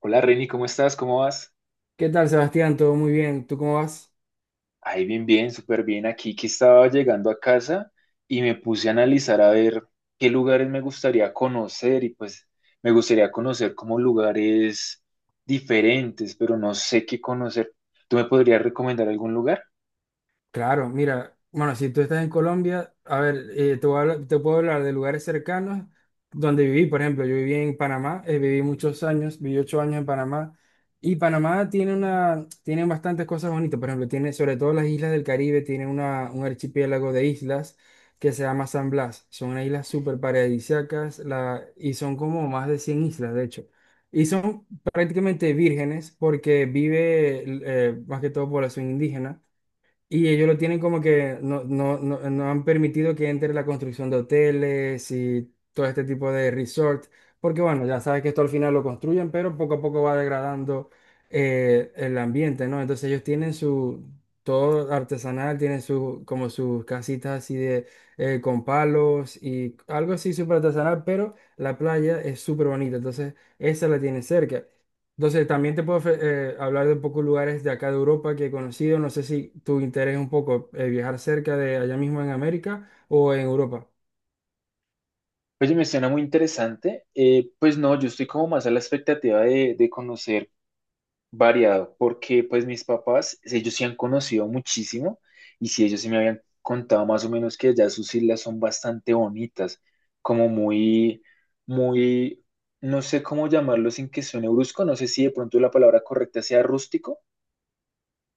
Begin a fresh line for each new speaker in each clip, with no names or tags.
Hola Reni, ¿cómo estás? ¿Cómo vas?
¿Qué tal, Sebastián? ¿Todo muy bien? ¿Tú cómo vas?
Ay, bien, bien, súper bien. Aquí que estaba llegando a casa y me puse a analizar a ver qué lugares me gustaría conocer y pues me gustaría conocer como lugares diferentes, pero no sé qué conocer. ¿Tú me podrías recomendar algún lugar?
Claro, mira, bueno, si tú estás en Colombia, a ver, te puedo hablar de lugares cercanos donde viví, por ejemplo, yo viví en Panamá, viví muchos años, viví 8 años en Panamá, y Panamá tiene bastantes cosas bonitas, por ejemplo, tiene sobre todo las islas del Caribe, tiene una, un archipiélago de islas que se llama San Blas, son unas islas súper paradisíacas, y son como más de 100 islas, de hecho. Y son prácticamente vírgenes porque vive más que todo población indígena. Y ellos lo tienen como que no han permitido que entre la construcción de hoteles y todo este tipo de resort, porque bueno, ya sabes que esto al final lo construyen, pero poco a poco va degradando el ambiente, ¿no? Entonces ellos tienen todo artesanal, tienen su, como sus casitas así de, con palos y algo así súper artesanal, pero la playa es súper bonita, entonces esa la tiene cerca. Entonces, también te puedo hablar de un poco lugares de acá de Europa que he conocido. No sé si tu interés es un poco viajar cerca de allá mismo en América o en Europa.
Oye, me suena muy interesante. Pues no, yo estoy como más a la expectativa de conocer variado, porque pues mis papás, ellos sí han conocido muchísimo y sí ellos sí me habían contado más o menos que allá sus islas son bastante bonitas, como muy, muy, no sé cómo llamarlo sin que suene brusco, no sé si de pronto la palabra correcta sea rústico.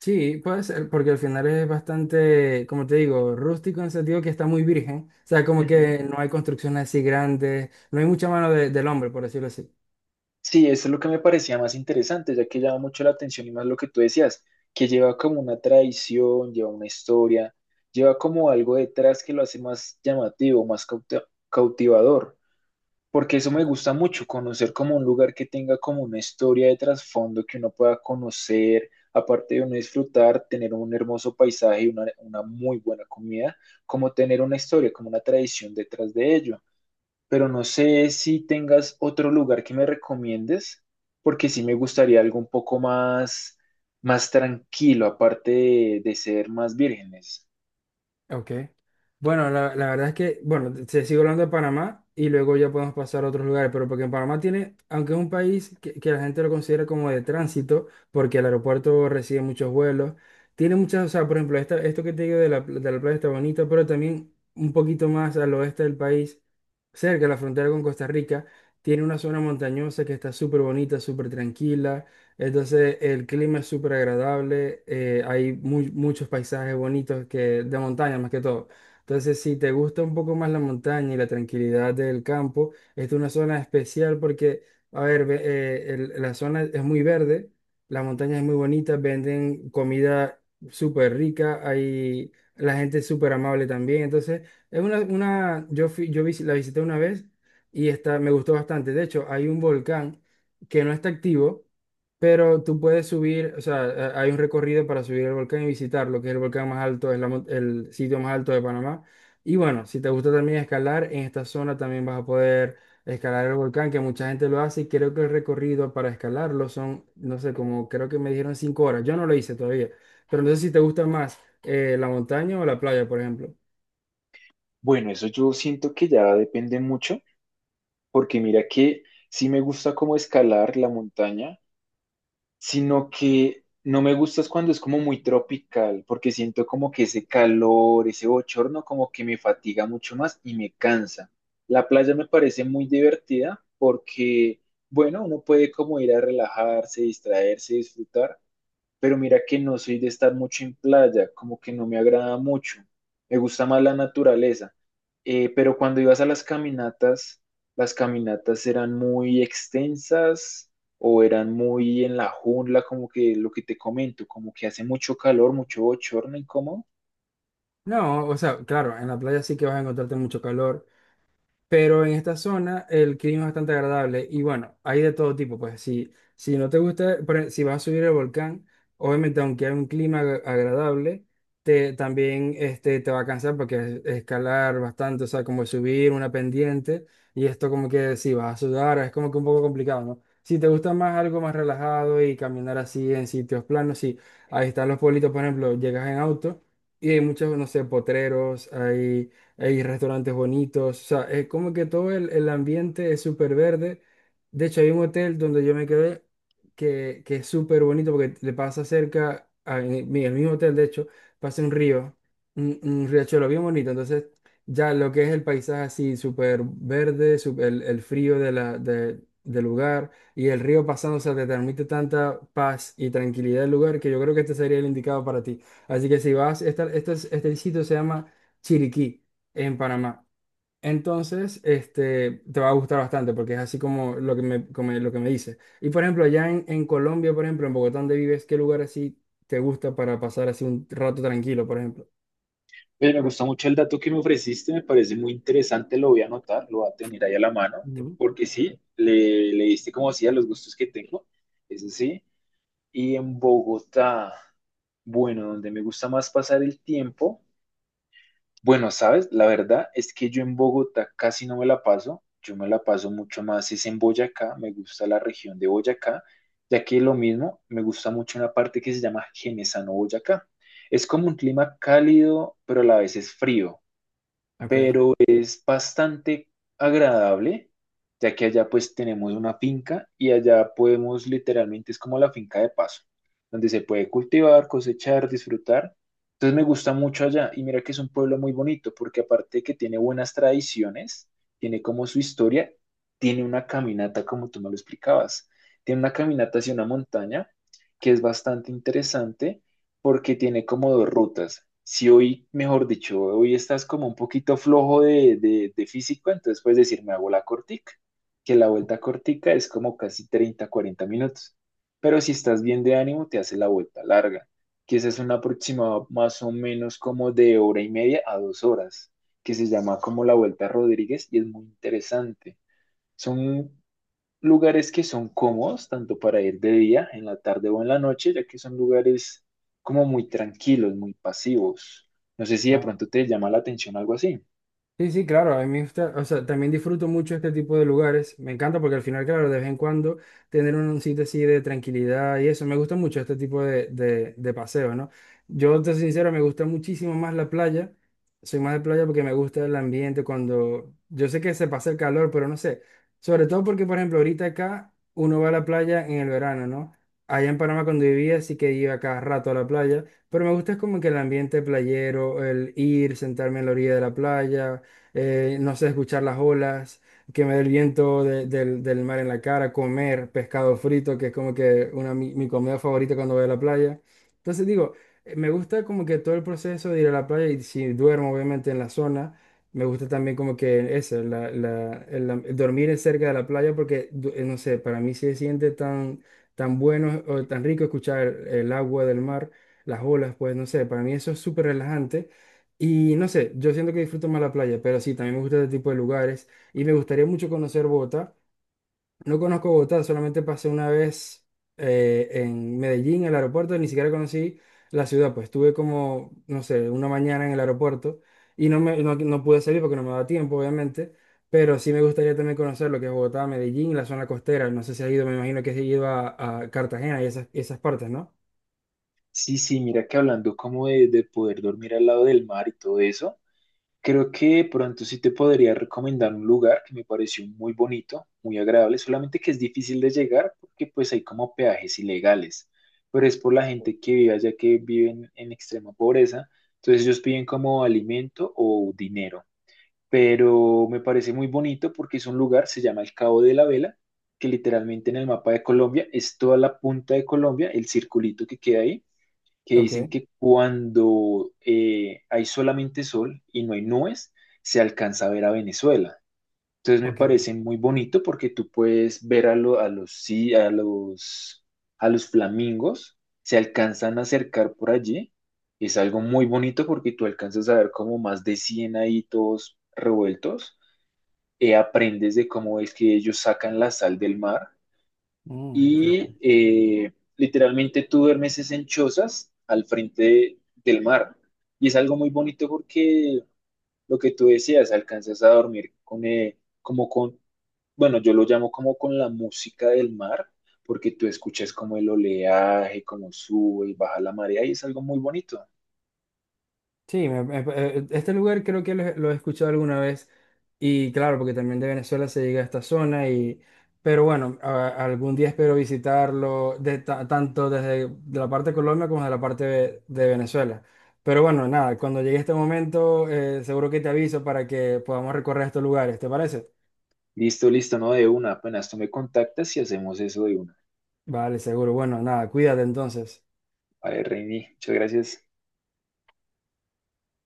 Sí, puede ser, porque al final es bastante, como te digo, rústico en el sentido que está muy virgen. O sea, como
Ujú.
que no hay construcciones así grandes, no hay mucha del hombre, por decirlo así.
Sí, eso es lo que me parecía más interesante, ya que llama mucho la atención y más lo que tú decías, que lleva como una tradición, lleva una historia, lleva como algo detrás que lo hace más llamativo, más cautivador. Porque eso me gusta mucho, conocer como un lugar que tenga como una historia de trasfondo que uno pueda conocer, aparte de uno disfrutar, tener un hermoso paisaje y una muy buena comida, como tener una historia, como una tradición detrás de ello. Pero no sé si tengas otro lugar que me recomiendes, porque sí me gustaría algo un poco más, más tranquilo, aparte de ser más vírgenes.
Ok. Bueno, la verdad es que, bueno, se sigue hablando de Panamá y luego ya podemos pasar a otros lugares, pero porque en Panamá tiene, aunque es un país que la gente lo considera como de tránsito, porque el aeropuerto recibe muchos vuelos, tiene muchas, o sea, por ejemplo, esto que te digo de de la playa está bonito, pero también un poquito más al oeste del país, cerca de la frontera con Costa Rica, tiene una zona montañosa que está súper bonita, súper tranquila. Entonces el clima es súper agradable, hay muchos paisajes bonitos que, de montaña más que todo. Entonces si te gusta un poco más la montaña y la tranquilidad del campo, esta es una zona especial porque, a ver, la zona es muy verde, la montaña es muy bonita, venden comida súper rica, hay, la gente es súper amable también. Entonces es una yo, fui, la visité una vez y está, me gustó bastante. De hecho, hay un volcán que no está activo pero tú puedes subir, o sea, hay un recorrido para subir el volcán y visitarlo, que es el volcán más alto, es la el sitio más alto de Panamá. Y bueno, si te gusta también escalar, en esta zona también vas a poder escalar el volcán, que mucha gente lo hace y creo que el recorrido para escalarlo son, no sé, como creo que me dijeron 5 horas. Yo no lo hice todavía, pero no sé si te gusta más la montaña o la playa, por ejemplo.
Bueno, eso yo siento que ya depende mucho porque mira que sí me gusta como escalar la montaña, sino que no me gusta es cuando es como muy tropical, porque siento como que ese calor, ese bochorno como que me fatiga mucho más y me cansa. La playa me parece muy divertida porque, bueno, uno puede como ir a relajarse, distraerse, disfrutar, pero mira que no soy de estar mucho en playa, como que no me agrada mucho, me gusta más la naturaleza. Pero cuando ibas a las caminatas eran muy extensas o eran muy en la jungla, como que lo que te comento, como que hace mucho calor, mucho bochorno, incómodo.
No, o sea, claro, en la playa sí que vas a encontrarte mucho calor. Pero en esta zona el clima es bastante agradable y bueno, hay de todo tipo, pues si, si no te gusta, si vas a subir el volcán, obviamente aunque hay un clima agradable, también este, te va a cansar porque es escalar bastante, o sea, como subir una pendiente y esto como que si vas a sudar, es como que un poco complicado, ¿no? Si te gusta más algo más relajado y caminar así en sitios planos, sí, ahí están los pueblitos, por ejemplo, llegas en auto y hay muchos, no sé, potreros, hay restaurantes bonitos, o sea, es como que todo el ambiente es súper verde. De hecho, hay un hotel donde yo me quedé que es súper bonito porque le pasa cerca, el mismo hotel, de hecho, pasa un río, un riachuelo bien bonito. Entonces, ya lo que es el paisaje así, súper verde, el frío de del lugar y el río pasando, o sea, te transmite tanta paz y tranquilidad del lugar que yo creo que este sería el indicado para ti. Así que si vas, este sitio se llama... Chiriquí en Panamá. Entonces, este, te va a gustar bastante porque es así como lo que me, como lo que me dices. Y por ejemplo, allá en Colombia, por ejemplo, en Bogotá, donde vives, ¿qué lugar así te gusta para pasar así un rato tranquilo, por ejemplo?
Pero me gusta mucho el dato que me ofreciste, me parece muy interesante, lo voy a anotar, lo voy a tener ahí a la mano,
No.
porque sí, le diste como así a los gustos que tengo, eso sí. Y en Bogotá, bueno, donde me gusta más pasar el tiempo, bueno, sabes, la verdad es que yo en Bogotá casi no me la paso, yo me la paso mucho más, es en Boyacá, me gusta la región de Boyacá, ya que lo mismo, me gusta mucho una parte que se llama Genesano Boyacá. Es como un clima cálido, pero a la vez es frío,
Ok.
es bastante agradable, ya que allá pues tenemos una finca y allá podemos literalmente, es como la finca de paso, donde se puede cultivar, cosechar, disfrutar. Entonces me gusta mucho allá y mira que es un pueblo muy bonito porque aparte de que tiene buenas tradiciones, tiene como su historia, tiene una caminata como tú me lo explicabas, tiene una caminata hacia una montaña que es bastante interesante porque tiene como dos rutas. Si hoy, mejor dicho, hoy estás como un poquito flojo de físico, entonces puedes decir, me hago la cortica, que la vuelta cortica es como casi 30 40 minutos. Pero si estás bien de ánimo, te hace la vuelta larga, que esa es una aproximado más o menos como de hora y media a 2 horas, que se llama como la vuelta Rodríguez y es muy interesante. Son lugares que son cómodos, tanto para ir de día, en la tarde o en la noche, ya que son lugares como muy tranquilos, muy pasivos. No sé si de pronto te llama la atención algo así.
Sí, sí, claro, a mí o sea, también disfruto mucho este tipo de lugares. Me encanta porque al final, claro, de vez en cuando tener un sitio así de tranquilidad y eso, me gusta mucho este tipo de, de paseo, ¿no? Yo, te soy sincero, me gusta muchísimo más la playa. Soy más de playa porque me gusta el ambiente cuando... Yo sé que se pasa el calor, pero no sé. Sobre todo porque, por ejemplo, ahorita acá uno va a la playa en el verano, ¿no? Allá en Panamá cuando vivía sí que iba cada rato a la playa, pero me gusta es como que el ambiente playero, el ir, sentarme en la orilla de la playa, no sé, escuchar las olas, que me dé el viento del mar en la cara, comer pescado frito, que es como que una, mi comida favorita cuando voy a la playa. Entonces digo, me gusta como que todo el proceso de ir a la playa y si duermo obviamente en la zona. Me gusta también como que eso, el dormir en cerca de la playa porque, no sé, para mí sí se siente tan, tan bueno o tan rico escuchar el agua del mar, las olas, pues no sé, para mí eso es súper relajante. Y no sé, yo siento que disfruto más la playa, pero sí, también me gusta este tipo de lugares y me gustaría mucho conocer Bogotá. No conozco Bogotá, solamente pasé una vez en Medellín, en el aeropuerto, ni siquiera conocí la ciudad, pues estuve como, no sé, una mañana en el aeropuerto y no pude salir porque no me daba tiempo, obviamente, pero sí me gustaría también conocer lo que es Bogotá, Medellín, la zona costera, no sé si has ido, me imagino que has ido a Cartagena y esas partes, ¿no?
Sí, sí, mira que hablando como de poder dormir al lado del mar y todo eso, creo que de pronto sí te podría recomendar un lugar que me pareció muy bonito, muy agradable, solamente que es difícil de llegar porque pues hay como peajes ilegales, pero es por la gente que vive allá que viven en extrema pobreza, entonces ellos piden como alimento o dinero, pero me parece muy bonito porque es un lugar, se llama el Cabo de la Vela, que literalmente en el mapa de Colombia es toda la punta de Colombia, el circulito que queda ahí que
Ok,
dicen que cuando hay solamente sol y no hay nubes, se alcanza a ver a Venezuela. Entonces me parece
ok.
muy bonito porque tú puedes ver a a los flamingos, se alcanzan a acercar por allí. Es algo muy bonito porque tú alcanzas a ver como más de 100 ahí todos revueltos. Aprendes de cómo es que ellos sacan la sal del mar
Mm,
y
interesante.
literalmente tú duermes es en chozas al frente del mar. Y es algo muy bonito porque lo que tú decías, alcanzas a dormir con, bueno, yo lo llamo como con la música del mar, porque tú escuchas como el oleaje, como sube y baja la marea, y es algo muy bonito.
Sí, este lugar creo que lo he escuchado alguna vez y claro, porque también de Venezuela se llega a esta zona y, pero bueno, algún día espero visitarlo de tanto desde de la parte de Colombia como de la parte de Venezuela. Pero bueno, nada, cuando llegue este momento, seguro que te aviso para que podamos recorrer estos lugares, ¿te parece?
Listo, listo, no de una, apenas tú me contactas y hacemos eso de una.
Vale, seguro. Bueno, nada, cuídate entonces.
Vale, Reini, muchas gracias.